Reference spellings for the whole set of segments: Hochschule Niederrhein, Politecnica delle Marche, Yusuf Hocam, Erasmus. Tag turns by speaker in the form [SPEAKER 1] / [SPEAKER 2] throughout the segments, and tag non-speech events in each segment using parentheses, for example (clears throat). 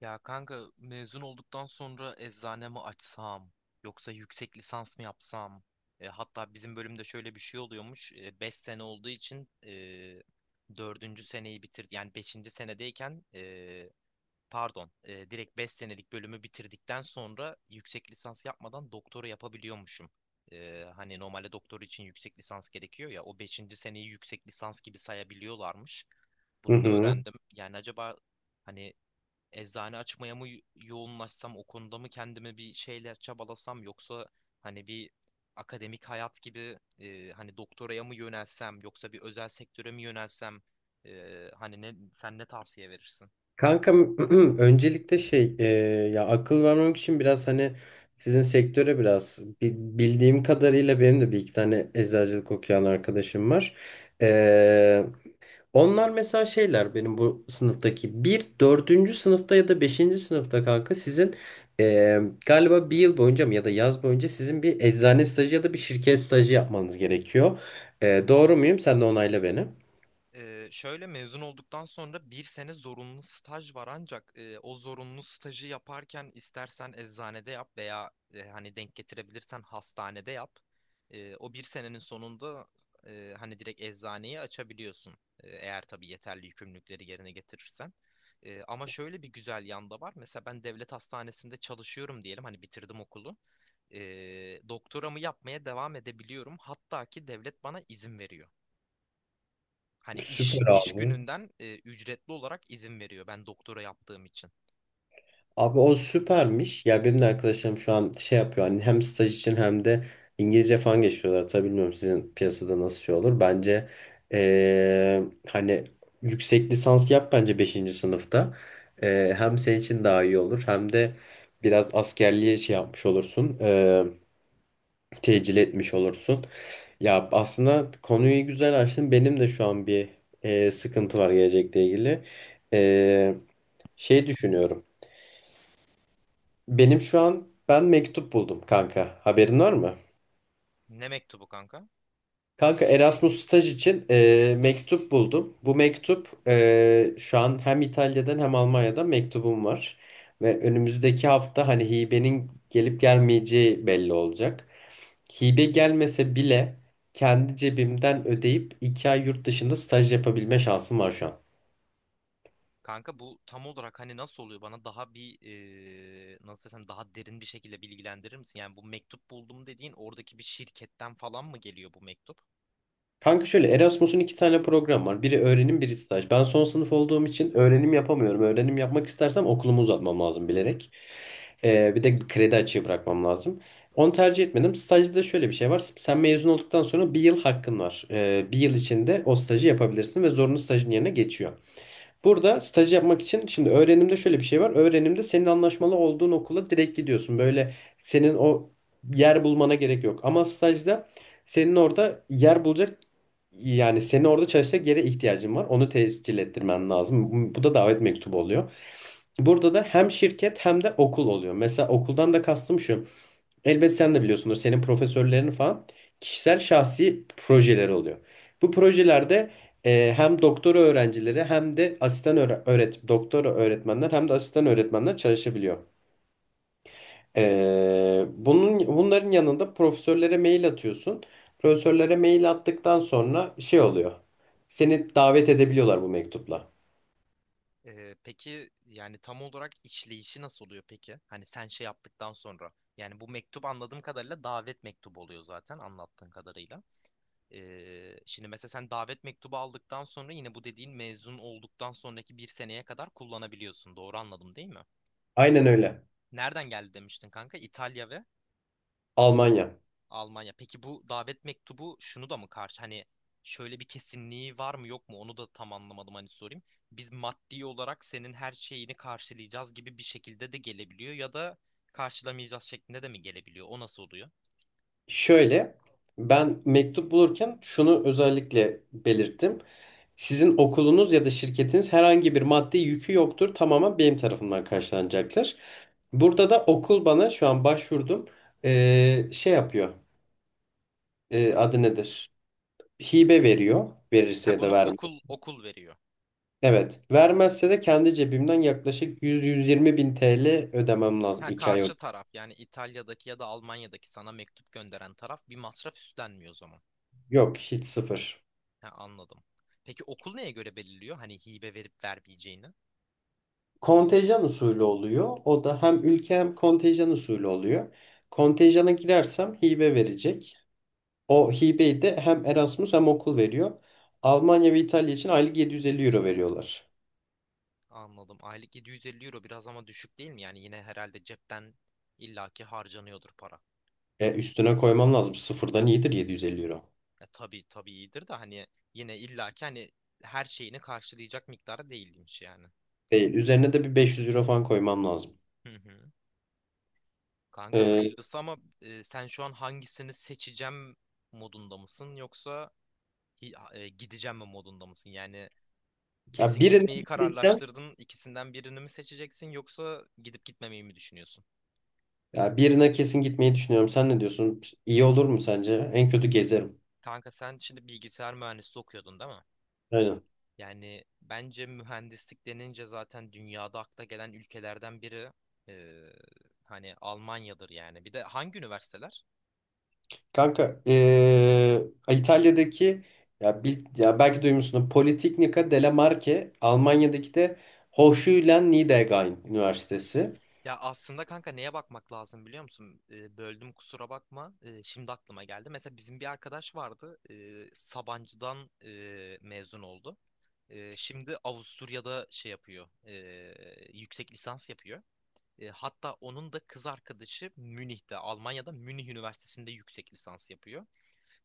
[SPEAKER 1] Ya kanka mezun olduktan sonra eczane mi açsam yoksa yüksek lisans mı yapsam? Hatta bizim bölümde şöyle bir şey oluyormuş. Beş sene olduğu için 4. seneyi bitir yani beşinci senedeyken pardon, direkt 5 senelik bölümü bitirdikten sonra yüksek lisans yapmadan doktora yapabiliyormuşum. Hani normalde doktor için yüksek lisans gerekiyor ya, o beşinci seneyi yüksek lisans gibi sayabiliyorlarmış.
[SPEAKER 2] Hı
[SPEAKER 1] Bunu da
[SPEAKER 2] hı.
[SPEAKER 1] öğrendim. Yani acaba hani eczane açmaya mı yoğunlaşsam, o konuda mı kendimi bir şeyler çabalasam yoksa hani bir akademik hayat gibi, hani doktoraya mı yönelsem yoksa bir özel sektöre mi yönelsem, hani ne sen ne tavsiye verirsin?
[SPEAKER 2] Kanka (clears throat) öncelikle şey ya akıl vermemek için biraz hani sizin sektöre biraz bildiğim kadarıyla benim de bir iki tane eczacılık okuyan arkadaşım var. E, onlar mesela şeyler benim bu sınıftaki bir dördüncü sınıfta ya da beşinci sınıfta kanka sizin e, galiba bir yıl boyunca mı ya da yaz boyunca sizin bir eczane stajı ya da bir şirket stajı yapmanız gerekiyor. Doğru muyum? Sen de onayla beni.
[SPEAKER 1] Şöyle, mezun olduktan sonra bir sene zorunlu staj var ancak o zorunlu stajı yaparken istersen eczanede yap veya hani denk getirebilirsen hastanede yap. O bir senenin sonunda hani direkt eczaneyi açabiliyorsun. E, eğer tabii yeterli yükümlülükleri yerine getirirsen. Ama şöyle bir güzel yanda var. Mesela ben devlet hastanesinde çalışıyorum diyelim, hani bitirdim okulu. E, Doktoramı yapmaya devam edebiliyorum. Hatta ki devlet bana izin veriyor. Hani iş
[SPEAKER 2] Süper
[SPEAKER 1] iş
[SPEAKER 2] abi.
[SPEAKER 1] gününden ücretli olarak izin veriyor ben doktora yaptığım için.
[SPEAKER 2] Abi o süpermiş. Ya benim de arkadaşlarım şu an şey yapıyor. Hani hem staj için hem de İngilizce falan geçiyorlar. Tabii bilmiyorum sizin piyasada nasıl şey olur. Bence hani yüksek lisans yap bence beşinci sınıfta. Hem senin için daha iyi olur. Hem de biraz askerliğe şey yapmış olursun. Tecil etmiş olursun. Ya aslında konuyu güzel açtın. Benim de şu an bir sıkıntı var gelecekle ilgili. Eee şey düşünüyorum. Benim şu an ben mektup buldum kanka. Haberin var mı?
[SPEAKER 1] Ne mektubu kanka?
[SPEAKER 2] Kanka Erasmus staj için mektup buldum. Bu mektup şu an hem İtalya'dan hem Almanya'dan mektubum var. Ve önümüzdeki hafta hani hibenin gelip gelmeyeceği belli olacak. Hibe gelmese bile kendi cebimden ödeyip 2 ay yurt dışında staj yapabilme şansım var şu an.
[SPEAKER 1] Kanka, bu tam olarak hani nasıl oluyor, bana daha bir, nasıl desem, daha derin bir şekilde bilgilendirir misin? Yani bu mektup buldum dediğin oradaki bir şirketten falan mı geliyor bu mektup?
[SPEAKER 2] Kanka şöyle Erasmus'un iki tane program var. Biri öğrenim, biri staj. Ben son sınıf olduğum için öğrenim yapamıyorum. Öğrenim yapmak istersem okulumu uzatmam lazım bilerek. Bir de kredi açığı bırakmam lazım. Onu tercih etmedim. Stajda da şöyle bir şey var. Sen mezun olduktan sonra bir yıl hakkın var. Bir yıl içinde o stajı yapabilirsin ve zorunlu stajın yerine geçiyor. Burada staj yapmak için şimdi öğrenimde şöyle bir şey var. Öğrenimde senin anlaşmalı olduğun okula direkt gidiyorsun. Böyle senin o yer bulmana gerek yok. Ama stajda senin orada yer bulacak yani seni orada çalışacak yere ihtiyacın var. Onu tescil ettirmen lazım. Bu da davet mektubu oluyor. Burada da hem şirket hem de okul oluyor. Mesela okuldan da kastım şu. Elbet sen de biliyorsundur senin profesörlerin falan kişisel şahsi projeleri oluyor. Bu projelerde hem doktora öğrencileri hem de asistan öğre- öğret doktora öğretmenler hem de asistan öğretmenler çalışabiliyor. E, bunun bunların yanında profesörlere mail atıyorsun. Profesörlere mail attıktan sonra şey oluyor. Seni davet edebiliyorlar bu mektupla.
[SPEAKER 1] Peki yani tam olarak işleyişi nasıl oluyor peki? Hani sen şey yaptıktan sonra, yani bu mektup anladığım kadarıyla davet mektubu oluyor zaten anlattığın kadarıyla. Şimdi mesela sen davet mektubu aldıktan sonra yine bu dediğin mezun olduktan sonraki bir seneye kadar kullanabiliyorsun. Doğru anladım değil mi?
[SPEAKER 2] Aynen öyle.
[SPEAKER 1] Nereden geldi demiştin kanka? İtalya ve
[SPEAKER 2] Almanya.
[SPEAKER 1] Almanya. Peki bu davet mektubu şunu da mı karşı? Hani şöyle bir kesinliği var mı yok mu? Onu da tam anlamadım, hani sorayım. Biz maddi olarak senin her şeyini karşılayacağız gibi bir şekilde de gelebiliyor ya da karşılamayacağız şeklinde de mi gelebiliyor? O nasıl oluyor?
[SPEAKER 2] Şöyle, ben mektup bulurken şunu özellikle belirttim. Sizin okulunuz ya da şirketiniz herhangi bir maddi yükü yoktur. Tamamen benim tarafından karşılanacaktır. Burada da okul bana şu an başvurdum. Şey yapıyor. Adı nedir? Hibe veriyor. Verirse
[SPEAKER 1] Ha,
[SPEAKER 2] ya da
[SPEAKER 1] bunu
[SPEAKER 2] vermez.
[SPEAKER 1] okul veriyor.
[SPEAKER 2] Evet. Vermezse de kendi cebimden yaklaşık 100-120 bin TL ödemem lazım.
[SPEAKER 1] Ha,
[SPEAKER 2] 2 ay
[SPEAKER 1] karşı
[SPEAKER 2] önce.
[SPEAKER 1] taraf, yani İtalya'daki ya da Almanya'daki sana mektup gönderen taraf bir masraf üstlenmiyor o zaman.
[SPEAKER 2] Yok hiç sıfır.
[SPEAKER 1] Ha, anladım. Peki okul neye göre belirliyor, hani hibe verip vermeyeceğini?
[SPEAKER 2] Kontenjan usulü oluyor. O da hem ülke hem kontenjan usulü oluyor. Kontenjana girersem hibe verecek. O hibeyi de hem Erasmus hem okul veriyor. Almanya ve İtalya için aylık 750 euro veriyorlar.
[SPEAKER 1] Anladım. Aylık 750 euro biraz ama düşük değil mi? Yani yine herhalde cepten illaki harcanıyordur para.
[SPEAKER 2] Üstüne koyman lazım. Sıfırdan iyidir 750 euro.
[SPEAKER 1] Tabii tabii, iyidir de hani, yine illaki hani her şeyini karşılayacak miktarı değilmiş yani.
[SPEAKER 2] Değil. Üzerine de bir 500 euro falan koymam lazım.
[SPEAKER 1] Hı hı. Kanka
[SPEAKER 2] E,
[SPEAKER 1] hayırlısı ama sen şu an hangisini seçeceğim modunda mısın, yoksa gideceğim mi modunda mısın? Yani
[SPEAKER 2] ya
[SPEAKER 1] kesin
[SPEAKER 2] birine
[SPEAKER 1] gitmeyi
[SPEAKER 2] gideceğim.
[SPEAKER 1] kararlaştırdın, İkisinden birini mi seçeceksin yoksa gidip gitmemeyi mi düşünüyorsun?
[SPEAKER 2] Ya birine kesin gitmeyi düşünüyorum. Sen ne diyorsun? İyi olur mu sence? En kötü gezerim.
[SPEAKER 1] Kanka sen şimdi bilgisayar mühendisliği okuyordun değil mi?
[SPEAKER 2] Aynen.
[SPEAKER 1] Yani bence mühendislik denince zaten dünyada akla gelen ülkelerden biri, eee, hani Almanya'dır yani. Bir de hangi üniversiteler?
[SPEAKER 2] Kanka İtalya'daki ya belki duymuşsunuz Politecnica delle Marche Almanya'daki de Hochschule Niederrhein Üniversitesi.
[SPEAKER 1] Ya aslında kanka neye bakmak lazım biliyor musun? Böldüm, kusura bakma. Şimdi aklıma geldi. Mesela bizim bir arkadaş vardı, Sabancı'dan mezun oldu. Şimdi Avusturya'da şey yapıyor, yüksek lisans yapıyor. Hatta onun da kız arkadaşı Münih'te, Almanya'da Münih Üniversitesi'nde yüksek lisans yapıyor.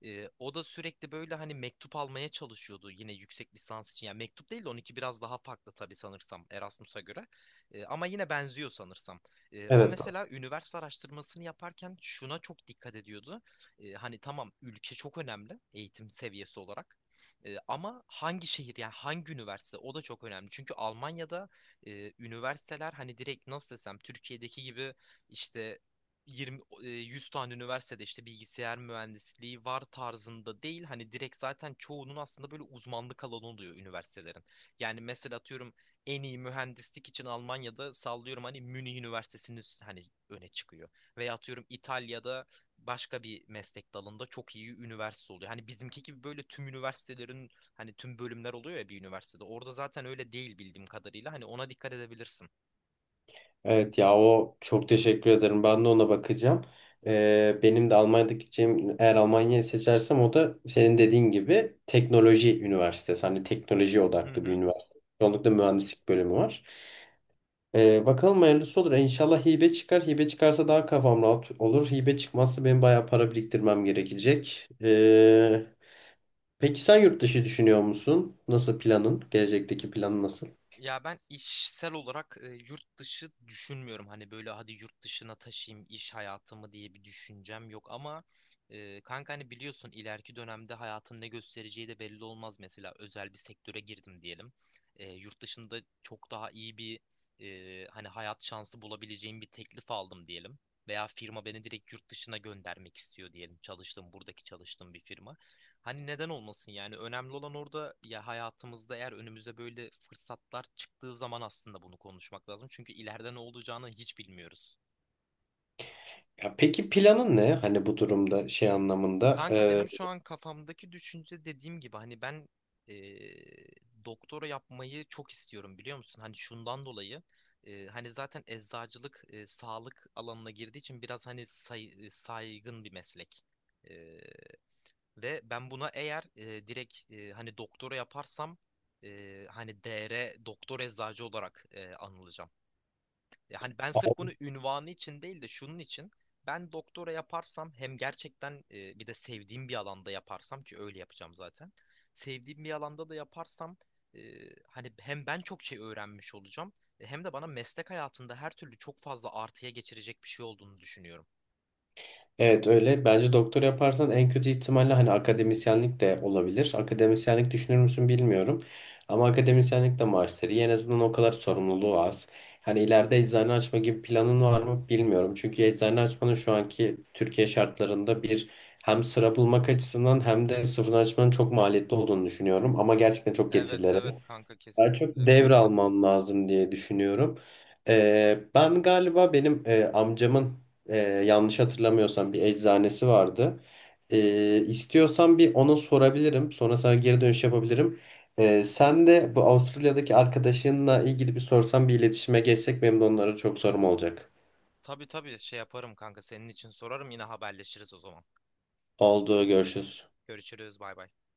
[SPEAKER 1] O da sürekli böyle hani mektup almaya çalışıyordu yine yüksek lisans için. Yani mektup değil de 12 biraz daha farklı tabii sanırsam Erasmus'a göre. Ama yine benziyor sanırsam. O
[SPEAKER 2] Evet. Doğru.
[SPEAKER 1] mesela üniversite araştırmasını yaparken şuna çok dikkat ediyordu. Hani tamam, ülke çok önemli eğitim seviyesi olarak. Ama hangi şehir, yani hangi üniversite, o da çok önemli. Çünkü Almanya'da üniversiteler hani direkt nasıl desem Türkiye'deki gibi işte 20 100 tane üniversitede işte bilgisayar mühendisliği var tarzında değil. Hani direkt zaten çoğunun aslında böyle uzmanlık alanı oluyor üniversitelerin. Yani mesela atıyorum en iyi mühendislik için Almanya'da sallıyorum hani Münih Üniversitesi'nin hani öne çıkıyor. Veya atıyorum İtalya'da başka bir meslek dalında çok iyi üniversite oluyor. Hani bizimki gibi böyle tüm üniversitelerin hani tüm bölümler oluyor ya bir üniversitede. Orada zaten öyle değil bildiğim kadarıyla. Hani ona dikkat edebilirsin.
[SPEAKER 2] Evet ya o çok teşekkür ederim. Ben de ona bakacağım. Benim de Almanya'daki gideceğim eğer Almanya'yı seçersem o da senin dediğin gibi teknoloji üniversitesi. Hani teknoloji
[SPEAKER 1] Hı
[SPEAKER 2] odaklı bir
[SPEAKER 1] hı.
[SPEAKER 2] üniversite. Çoğunlukla mühendislik bölümü var. Bakalım hayırlısı olur. İnşallah hibe çıkar. Hibe çıkarsa daha kafam rahat olur. Hibe çıkmazsa benim bayağı para biriktirmem gerekecek. Peki sen yurt dışı düşünüyor musun? Nasıl planın? Gelecekteki planın nasıl?
[SPEAKER 1] Ya ben işsel olarak yurt dışı düşünmüyorum. Hani böyle hadi yurt dışına taşıyayım iş hayatımı diye bir düşüncem yok ama kanka hani biliyorsun ileriki dönemde hayatın ne göstereceği de belli olmaz. Mesela özel bir sektöre girdim diyelim. Yurt dışında çok daha iyi bir, hani hayat şansı bulabileceğim bir teklif aldım diyelim. Veya firma beni direkt yurt dışına göndermek istiyor diyelim. Buradaki çalıştığım bir firma. Hani neden olmasın yani, önemli olan orada ya, hayatımızda eğer önümüze böyle fırsatlar çıktığı zaman aslında bunu konuşmak lazım. Çünkü ileride ne olacağını hiç bilmiyoruz.
[SPEAKER 2] Ya peki planın ne? Hani bu durumda şey anlamında.
[SPEAKER 1] Kanka benim şu an kafamdaki düşünce, dediğim gibi hani ben eee, doktora yapmayı çok istiyorum, biliyor musun? Hani şundan dolayı: hani zaten eczacılık sağlık alanına girdiği için biraz hani saygın bir meslek. Ve ben buna eğer direkt hani doktora yaparsam hani DR doktor eczacı olarak anılacağım. Hani ben sırf bunu ünvanı için değil de şunun için, ben doktora yaparsam hem gerçekten, bir de sevdiğim bir alanda yaparsam, ki öyle yapacağım zaten. Sevdiğim bir alanda da yaparsam e, hani hem ben çok şey öğrenmiş olacağım, hem de bana meslek hayatında her türlü çok fazla artıya geçirecek bir şey olduğunu düşünüyorum.
[SPEAKER 2] Evet öyle. Bence doktor yaparsan en kötü ihtimalle hani akademisyenlik de olabilir. Akademisyenlik düşünür müsün bilmiyorum. Ama akademisyenlik de maaşları iyi. En azından o kadar sorumluluğu az. Hani ileride eczane açma gibi planın var mı bilmiyorum. Çünkü eczane açmanın şu anki Türkiye şartlarında bir hem sıra bulmak açısından hem de sıfırdan açmanın çok maliyetli olduğunu düşünüyorum. Ama gerçekten çok
[SPEAKER 1] Evet
[SPEAKER 2] getirileri
[SPEAKER 1] evet
[SPEAKER 2] var.
[SPEAKER 1] kanka,
[SPEAKER 2] Daha çok
[SPEAKER 1] kesinlikle katılıyorum.
[SPEAKER 2] devralman lazım diye düşünüyorum. Ben galiba benim amcamın yanlış hatırlamıyorsam bir eczanesi vardı. İstiyorsan bir ona sorabilirim. Sonra sana geri dönüş yapabilirim. Sen de bu Avustralya'daki arkadaşınla ilgili bir sorsan bir iletişime geçsek benim de onlara çok sorum olacak.
[SPEAKER 1] Tabii tabii, şey yaparım kanka senin için, sorarım, yine haberleşiriz o zaman.
[SPEAKER 2] Oldu, görüşürüz.
[SPEAKER 1] Görüşürüz, bay bay.